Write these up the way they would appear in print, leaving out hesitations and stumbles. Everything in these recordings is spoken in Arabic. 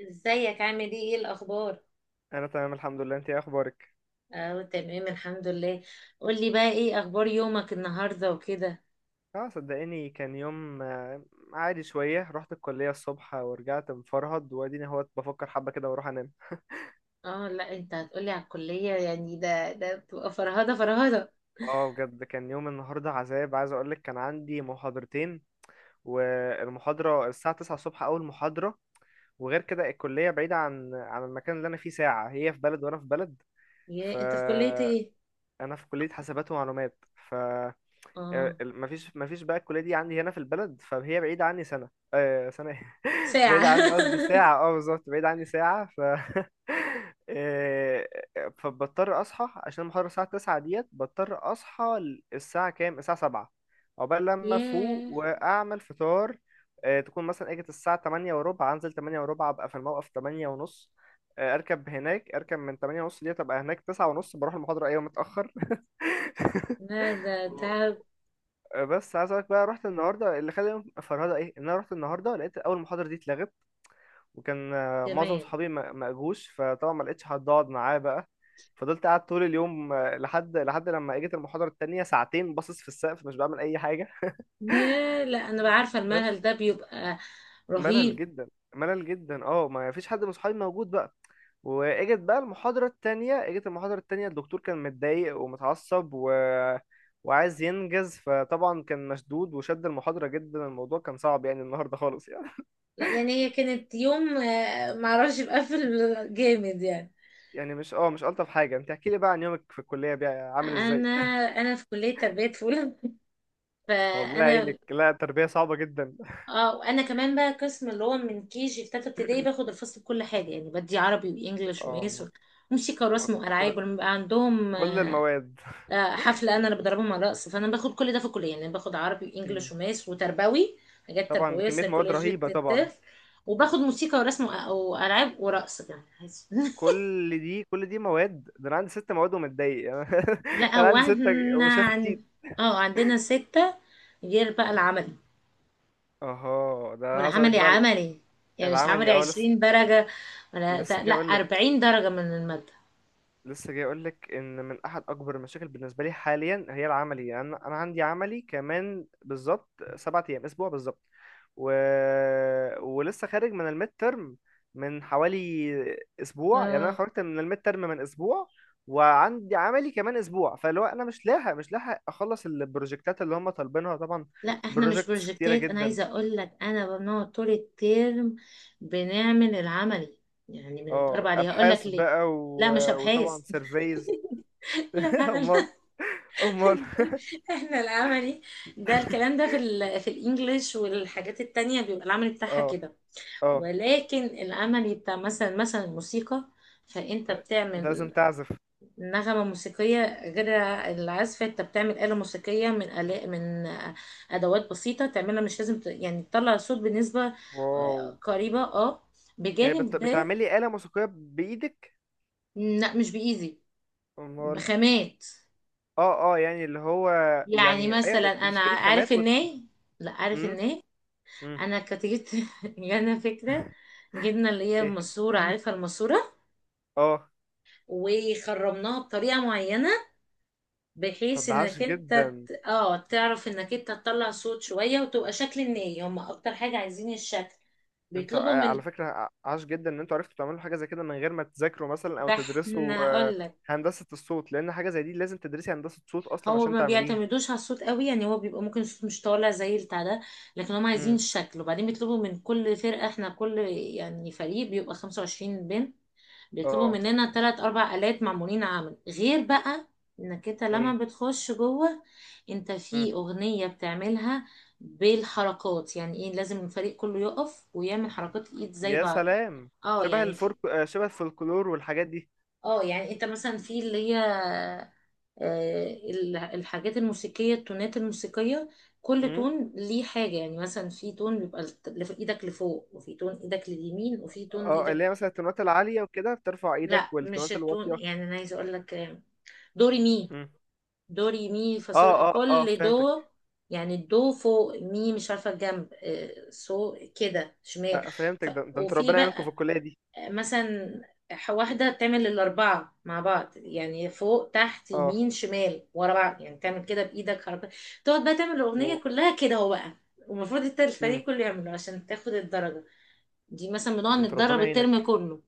ازيك، عامل ايه الاخبار؟ انا تمام الحمد لله. انت إيه اخبارك؟ اه، تمام الحمد لله. قولي بقى، ايه اخبار يومك النهارده وكده؟ اه، صدقيني كان يوم عادي شويه. رحت الكليه الصبح ورجعت مفرهد واديني اهوت بفكر حبه كده واروح انام. اه، لا انت هتقولي على الكليه؟ يعني ده بتبقى فرهده فرهده. اه، بجد كان يوم النهارده عذاب، عايز اقولك كان عندي محاضرتين، والمحاضره الساعه 9 الصبح اول محاضره. وغير كده الكليه بعيده عن المكان اللي انا فيه ساعه، هي في بلد وانا في بلد. يا انت في كليه ايه؟ فانا في كليه حاسبات ومعلومات، اه، ما فيش بقى الكليه دي عندي هنا في البلد، فهي بعيده عني سنه. آه سنه إيه؟ ساعه. بعيده عني قصدي ساعه، اه بالظبط، بعيده عني ساعه آه، فبضطر اصحى عشان المحاضره الساعه 9 ديت، بضطر اصحى الساعه كام، الساعه 7، عقبال لما افوق ياه، واعمل فطار. تكون مثلا اجت الساعه 8 وربع انزل، 8 وربع ابقى في الموقف، 8 ونص اركب هناك، اركب من 8 ونص ديت ابقى هناك 9 ونص بروح المحاضره، ايوه متاخر لا ده تعب. بس عايز اقولك بقى، رحت النهارده اللي خلاني فرهده ايه، ان انا رحت النهارده لقيت اول محاضره دي اتلغت. وكان معظم كمان. صحابي ما اجوش، فطبعا ما لقيتش حد اقعد معاه بقى. فضلت قاعد طول اليوم لحد لما اجت المحاضره التانية، ساعتين باصص في السقف مش بعمل اي حاجه ياه، لا انا بعرفه، بس الملل ده بيبقى ملل رهيب. جدا، ملل جدا، اه، ما فيش حد من صحابي موجود بقى. واجت بقى المحاضرة التانية، اجت المحاضرة التانية، الدكتور كان متضايق ومتعصب و... وعايز ينجز، فطبعا كان مشدود وشد المحاضرة جدا، الموضوع كان صعب يعني النهاردة خالص يعني لا يعني هي كانت يوم، معرفش، بقفل جامد يعني. يعني مش ألطف حاجة. انت احكي لي بقى عن يومك في الكلية بقى عامل انا ازاي؟ انا في كليه تربيه فولا. والله فانا. يعينك. لا تربية صعبة جدا. اه، وانا كمان بقى قسم، اللي هو من كي جي في تالتة ابتدائي، باخد الفصل بكل حاجة يعني، بدي عربي وانجليش ومقاس اه، وموسيقى آه، ورسم والعاب. كل ولما بيبقى عندهم كل المواد. حفلة، انا اللي بدربهم على الرقص. فانا باخد كل ده في الكلية، يعني باخد عربي مم. وانجليش ومقاس وتربوي، حاجات طبعا ده تربوية كمية مواد سيكولوجية رهيبة طبعا. الطفل. وباخد موسيقى ورسم والعاب ورقص كمان. كل دي مواد، ده انا عندي ست مواد ومتضايق لا، انا هو عندي ستة احنا وشاف كتير. اه، عندنا ستة، غير بقى العمل اها، ده انا عايز اقولك والعملي، بقى، عملي يعني. مش عملي العملي، اه لسه. 20 درجة، ولا ت- لسه لا جاي اقول لك 40 درجة من المادة. لسه جاي اقول لك ان من احد اكبر المشاكل بالنسبه لي حاليا هي العملي. يعني أنا عندي عملي كمان بالظبط، سبعة ايام اسبوع بالظبط. و... ولسه خارج من الميد ترم من حوالي اسبوع، يعني انا اه خرجت من الميد ترم من اسبوع وعندي عملي كمان اسبوع، فاللي هو انا مش لاحق اخلص البروجكتات اللي هم طالبينها طبعا، لا، احنا مش بروجكتس كتيره بروجكتات. انا جدا. عايزه اقول لك انا بنقعد طول الترم بنعمل العملي، يعني بنتدرب اه عليه. هقول لك ابحاث ليه. بقى، و... لا مش ابحاث. وطبعا سيرفيز لا لا. امال، امال. احنا العملي ده، الكلام ده في في الانجليش والحاجات التانية، بيبقى العملي بتاعها اه كده. اه، ولكن العملي بتاع مثلا الموسيقى، فانت انت لازم بتعمل تعزف. نغمة موسيقية غير العزف. انت بتعمل آلة موسيقية من آلاء، من أدوات بسيطة تعملها، مش لازم يعني تطلع صوت بنسبة واو! قريبة، اه. يعني بجانب ده، بتعملي آلة موسيقية بإيدك؟ لا مش بإيزي، امال. بخامات. اه اه، يعني اللي هو، يعني يعني ايوه، مثلا، أنا بتشتري عارف خامات الناي. لا، عارف مم. الناي. مم. أنا كنت جبت، جانا فكرة، جبنا اللي هي ايه. الماسورة، عارفة الماسورة، اه. وخرمناها بطريقة معينة طب بحيث ده عاش انك انت جدا! تعرف انك انت تطلع صوت شوية، وتبقى شكل الناي. هم اكتر حاجة عايزين الشكل، انت بيطلبوا من. على فكرة عاش جدا ان انتوا عرفتوا تعملوا حاجة زي كده من غير ما تذاكروا مثلا او ده احنا تدرسوا. آه، اقول لك، هندسة الصوت، لان حاجة زي دي لازم تدرسي هندسة صوت اصلا هو عشان ما تعمليها. بيعتمدوش على الصوت قوي، يعني هو بيبقى ممكن الصوت مش طالع زي بتاع ده، لكن هم عايزين مم. الشكل. وبعدين بيطلبوا من كل فرقة، احنا كل، يعني فريق بيبقى 25 بنت، بيطلبوا اه. مننا تلات أربع آلات معمولين، عمل. غير بقى إنك أنت ايه. لما بتخش جوه، أنت مم. في أغنية بتعملها بالحركات. يعني إيه؟ لازم الفريق كله يقف ويعمل حركات الإيد زي يا بعض. سلام! اه، شبه يعني في. الفرق، شبه الفولكلور والحاجات دي. اه يعني أنت مثلا في اللي هي، الحاجات الموسيقية، التونات الموسيقية، كل تون ليه حاجة. يعني مثلا في تون بيبقى ايدك لفوق، وفي تون ايدك لليمين، وفي تون اه، ايدك. اللي هي مثلا التونات العالية وكده بترفع ايدك، لا مش والتونات التون، الواطية. يعني انا عايزه اقول لك، دوري مي، مم. دو ري مي فا اه صول. اه اه كل فهمتك. دو، يعني الدو فوق مي، مش عارفة الجنب، سو كده، شمال. آه فهمتك. ده انت وفي ربنا يعينكم في بقى الكلية دي. مثلا، واحدة تعمل الأربعة مع بعض، يعني فوق تحت اه. يمين شمال ورا بعض، يعني تعمل كده بإيدك حركة، تقعد بقى تعمل اوه. الأغنية كلها كده. هو بقى، ومفروض مم. الفريق كله يعمله عشان تاخد الدرجة. دي مثلا ده بنقعد انت نتدرب ربنا الترم يعينك. كله،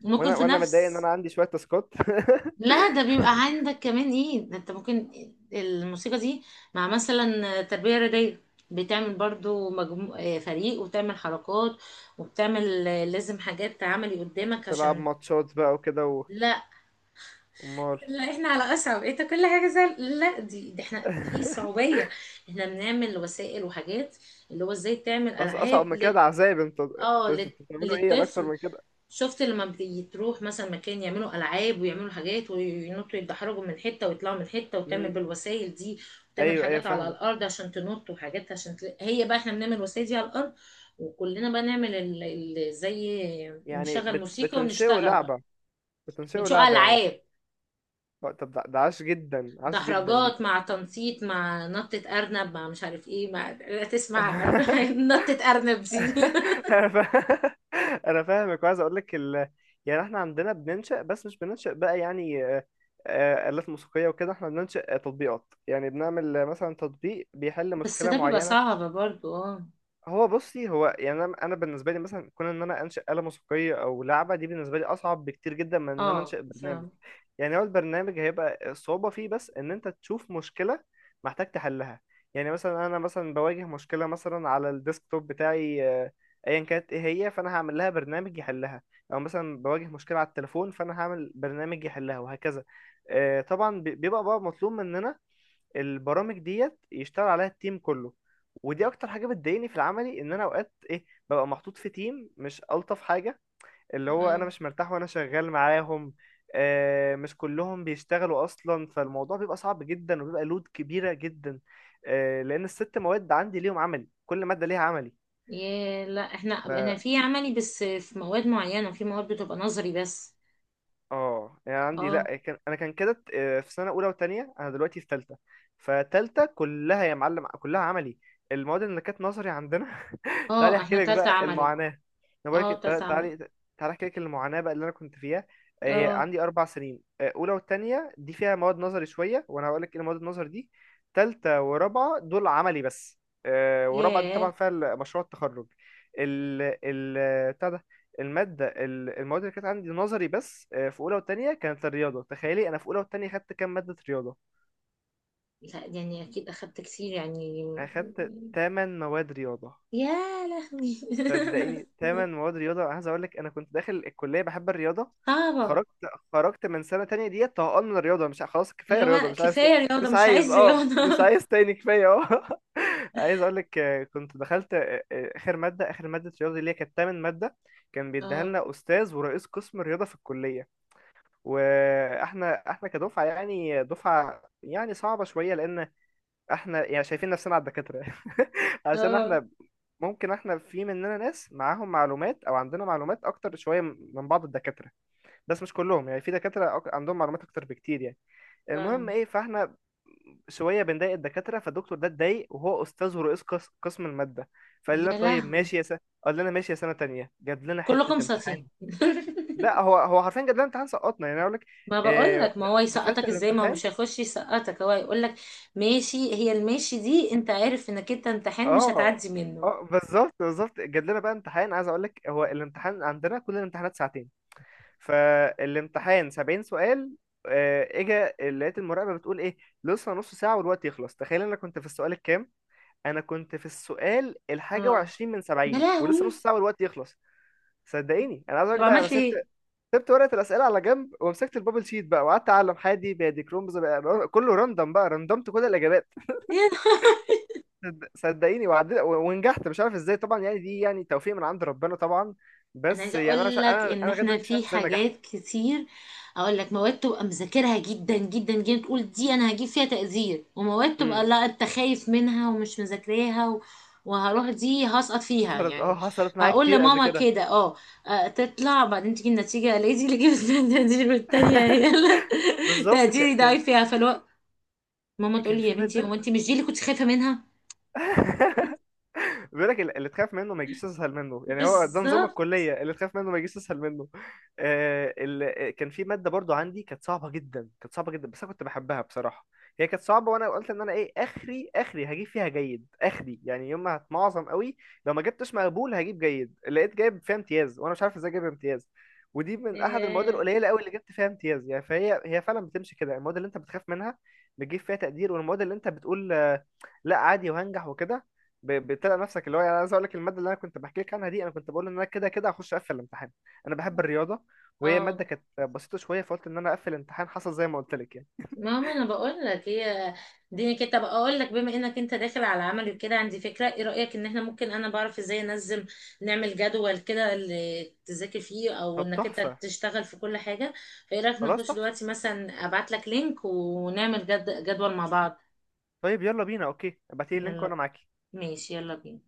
ممكن وانا في وانا متضايق ان نفس. انا عندي شوية تاسكات لا ده بيبقى عندك كمان، ايه؟ ده انت ممكن الموسيقى دي مع مثلا تربية رياضية، بتعمل برضو مجمو... آه، فريق، وبتعمل حركات، وبتعمل لازم حاجات عملي قدامك تلعب عشان. ماتشات بقى وكده لا امال. لا، احنا على اصعب. انت كل حاجة زي، لا، دي احنا في صعوبية. احنا بنعمل وسائل وحاجات، اللي هو ازاي تعمل اصعب العاب من كده؟ ده عذاب. انت اه، انت بتعملوا ايه؟ انا اكتر للطفل. من كده. شفت لما بتروح مثلا مكان، يعملوا العاب ويعملوا حاجات، وينطوا، يتدحرجوا من حته، ويطلعوا من حته، وتعمل مم. بالوسائل دي، وتعمل ايوه ايوه حاجات على فاهمك. الارض عشان تنط، وحاجات عشان هي بقى. احنا بنعمل وسائل دي على الارض، وكلنا بقى نعمل زي يعني نشغل موسيقى، بتنشئوا ونشتغل بقى. لعبة بتنشئوا بنشوف لعبة يعني. العاب، طب ده عاش جدا، عاش جدا دي دحرجات مع تنطيط، مع نطة أرنب، مع مش عارف ايه، مع لا، تسمع نطة أرنب دي. انا فا- انا فاهمك وعايز اقول لك يعني احنا عندنا بننشأ، بس مش بننشأ بقى يعني آلات موسيقية وكده، احنا بننشأ تطبيقات. يعني بنعمل مثلا تطبيق بيحل بس مشكلة ده بيبقى معينة. صعب برضو، اه. هو بصي، هو يعني، أنا بالنسبة لي مثلا كون ان انا انشأ آلة موسيقية او لعبة دي بالنسبة لي اصعب بكتير جدا من ان انا اه، انشأ برنامج. فاهم. يعني هو البرنامج هيبقى الصعوبة فيه بس إن أنت تشوف مشكلة محتاج تحلها. يعني مثلا أنا مثلا بواجه مشكلة مثلا على الديسكتوب بتاعي أيا كانت إيه هي، فأنا هعمل لها برنامج يحلها. أو مثلا بواجه مشكلة على التليفون فأنا هعمل برنامج يحلها، وهكذا. طبعا بيبقى بقى مطلوب مننا البرامج ديت يشتغل عليها التيم كله. ودي أكتر حاجة بتضايقني في العملي، إن أنا أوقات إيه ببقى محطوط في تيم مش ألطف حاجة، اللي هو انا مش مرتاح وانا شغال معاهم. مش كلهم بيشتغلوا اصلا، فالموضوع بيبقى صعب جدا وبيبقى لود كبيرة جدا. لان الست مواد عندي ليهم عملي، كل مادة ليها عملي. ياه، لا احنا، في عملي بس في مواد معينة، في مواد بتبقى نظري بس. اه يعني عندي، اه لا، كان انا كان كده في سنه اولى وثانيه، انا دلوقتي في ثالثه. فتالتة كلها يا معلم كلها عملي، المواد اللي كانت نظري عندنا تعالي اه، احكي احنا لك تالتة بقى عملي. المعاناه، انا بقول لك اه، تالتة عملي. تعالي. تعالي احكي لك المعاناه بقى اللي انا كنت فيها. هي اه. عندي اربع سنين، اولى والتانية دي فيها مواد نظري شويه، وانا هقول لك ايه المواد النظري دي. تالتة ورابعه دول عملي بس، ورابعه دي ياه، طبعا فيها مشروع التخرج. ال ال المادة، المواد اللي كانت عندي نظري بس في أولى وتانية، كانت الرياضة. تخيلي أنا في أولى وتانية خدت كام مادة رياضة؟ لا يعني اكيد اخدت كتير يعني. أنا خدت تمن مواد رياضة. يا لهوي. صدقيني تمن مواد رياضة. عايز أقول لك أنا كنت داخل الكلية بحب الرياضة. صعبة. خرجت خرجت من سنة تانية ديت طهقان من الرياضة، مش ع- خلاص، كفاية اللي رياضة هو مش عايز تاني. كفاية رياضة، مش مش عايز، عايز اه، رياضة. مش عايز تاني كفاية اه عايز أقول لك كنت دخلت آخر مادة رياضة اللي هي كانت تمن مادة. كان بيديها اه لنا أستاذ ورئيس قسم الرياضة في الكلية. واحنا كدفعه، يعني دفعه يعني صعبه شويه، لان احنا يعني شايفين نفسنا على الدكاتره عشان اه، احنا ممكن احنا في مننا ناس معاهم معلومات او عندنا معلومات اكتر شويه من بعض الدكاتره، بس مش كلهم يعني، في دكاتره عندهم معلومات اكتر بكتير يعني. المهم فاهم. ايه، فاحنا شويه بنضايق الدكاتره، فالدكتور ده اتضايق، وهو استاذ ورئيس قسم الماده، فقال لنا يا طيب لهوي. ماشي يا سنه. قال لنا ماشي يا سنه تانية، جاب لنا كلكم حته ساطين. امتحان. لا هو حرفيا جدول الامتحان سقطنا يعني اقول لك. ما بقول لك، ما هو دخلت يسقطك ازاي؟ ما هو الامتحان. مش هيخش يسقطك، هو هيقول لك ماشي. هي الماشي دي، انت عارف انك انت امتحان مش اه هتعدي منه. اه بالظبط بالظبط، جات لنا بقى امتحان. عايز اقول لك هو الامتحان عندنا، كل الامتحانات ساعتين، فالامتحان 70 سؤال. اجا لقيت المراقبه بتقول ايه، لسه نص ساعه والوقت يخلص. تخيل انا كنت في السؤال الكام؟ انا كنت في السؤال الحاجه اه. وعشرين من يا 70 ولسه نص لهوي. ساعه والوقت يخلص. صدقيني انا عايز اقول طب لك بقى، انا عملت سبت، ايه؟ سبت ورقة الأسئلة على جنب ومسكت البابل شيت بقى وقعدت أعلم حادي بادي كرومز بقى، كله راندم بقى، راندمت كل الإجابات. صدقيني وعدت ونجحت مش عارف إزاي. طبعا يعني دي يعني توفيق من عند ربنا طبعا، انا بس عايزه يعني أنا مش اقول ع- لك أنا ان أنا لغاية احنا دلوقتي مش عارف في إزاي نجحت. حاجات كتير. اقول لك، مواد تبقى مذاكرها جدا جدا جدا، تقول دي انا هجيب فيها تقدير. ومواد امم. تبقى لا، انت خايف منها ومش مذاكراها وهروح دي هسقط فيها حصلت، يعني. حصلت معايا هقول كتير قبل لماما كده. كده اه، تطلع بعدين تيجي النتيجه، الاقي دي اللي جبت فيها التقدير، والتانيه هي اللي بالظبط تقديري كان. ضعيف فيها. فالوقت ماما تقول كان لي يا في بنتي، هو مادة، انت مش دي اللي كنت خايفه منها؟ بيقول لك اللي تخاف منه ما يجيش، تسهل منه يعني، هو ده نظام بالظبط. الكلية، اللي تخاف منه ما يجيش تسهل منه. آه كان في مادة برضو عندي كانت صعبة جدا، كانت صعبة جدا بس أنا كنت بحبها بصراحة. هي كانت صعبة وأنا قلت إن أنا إيه، آخري آخري هجيب فيها جيد، آخري يعني يوم ما هتمعظم قوي لو ما جبتش مقبول هجيب جيد، لقيت جايب فيها امتياز وأنا مش عارف إزاي جايب امتياز. ودي من أحد المواد إيه. القليلة قوي اللي جبت فيها امتياز يعني. فهي هي فعلا بتمشي كده، المواد اللي أنت بتخاف منها بتجيب فيها تقدير، والمواد اللي أنت بتقول لا عادي وهنجح وكده، بتلاقي نفسك اللي هو، يعني عايز اقول لك الماده اللي انا كنت بحكي لك عنها دي، انا كنت بقول ان انا كده كده هخش اقفل الامتحان، انا بحب الرياضه وهي اه، ماده كانت بسيطه شويه، فقلت ان انا اقفل الامتحان، حصل زي ما قلت لك يعني. ماما انا بقول لك، هي دي كده. طب اقول لك، بما انك انت داخل على عمل كده، عندي فكره. ايه رايك ان احنا ممكن، انا بعرف ازاي انزل، نعمل جدول كده اللي تذاكر فيه، او طب انك انت تحفه. تشتغل في كل حاجه. فايه رايك خلاص نخش تحفه. دلوقتي مثلا؟ ابعت لك لينك ونعمل جدول مع بعض. طيب يلا بينا، اوكي ابعتي لي اللينك وانا يلا. معاك. ماشي يلا بينا.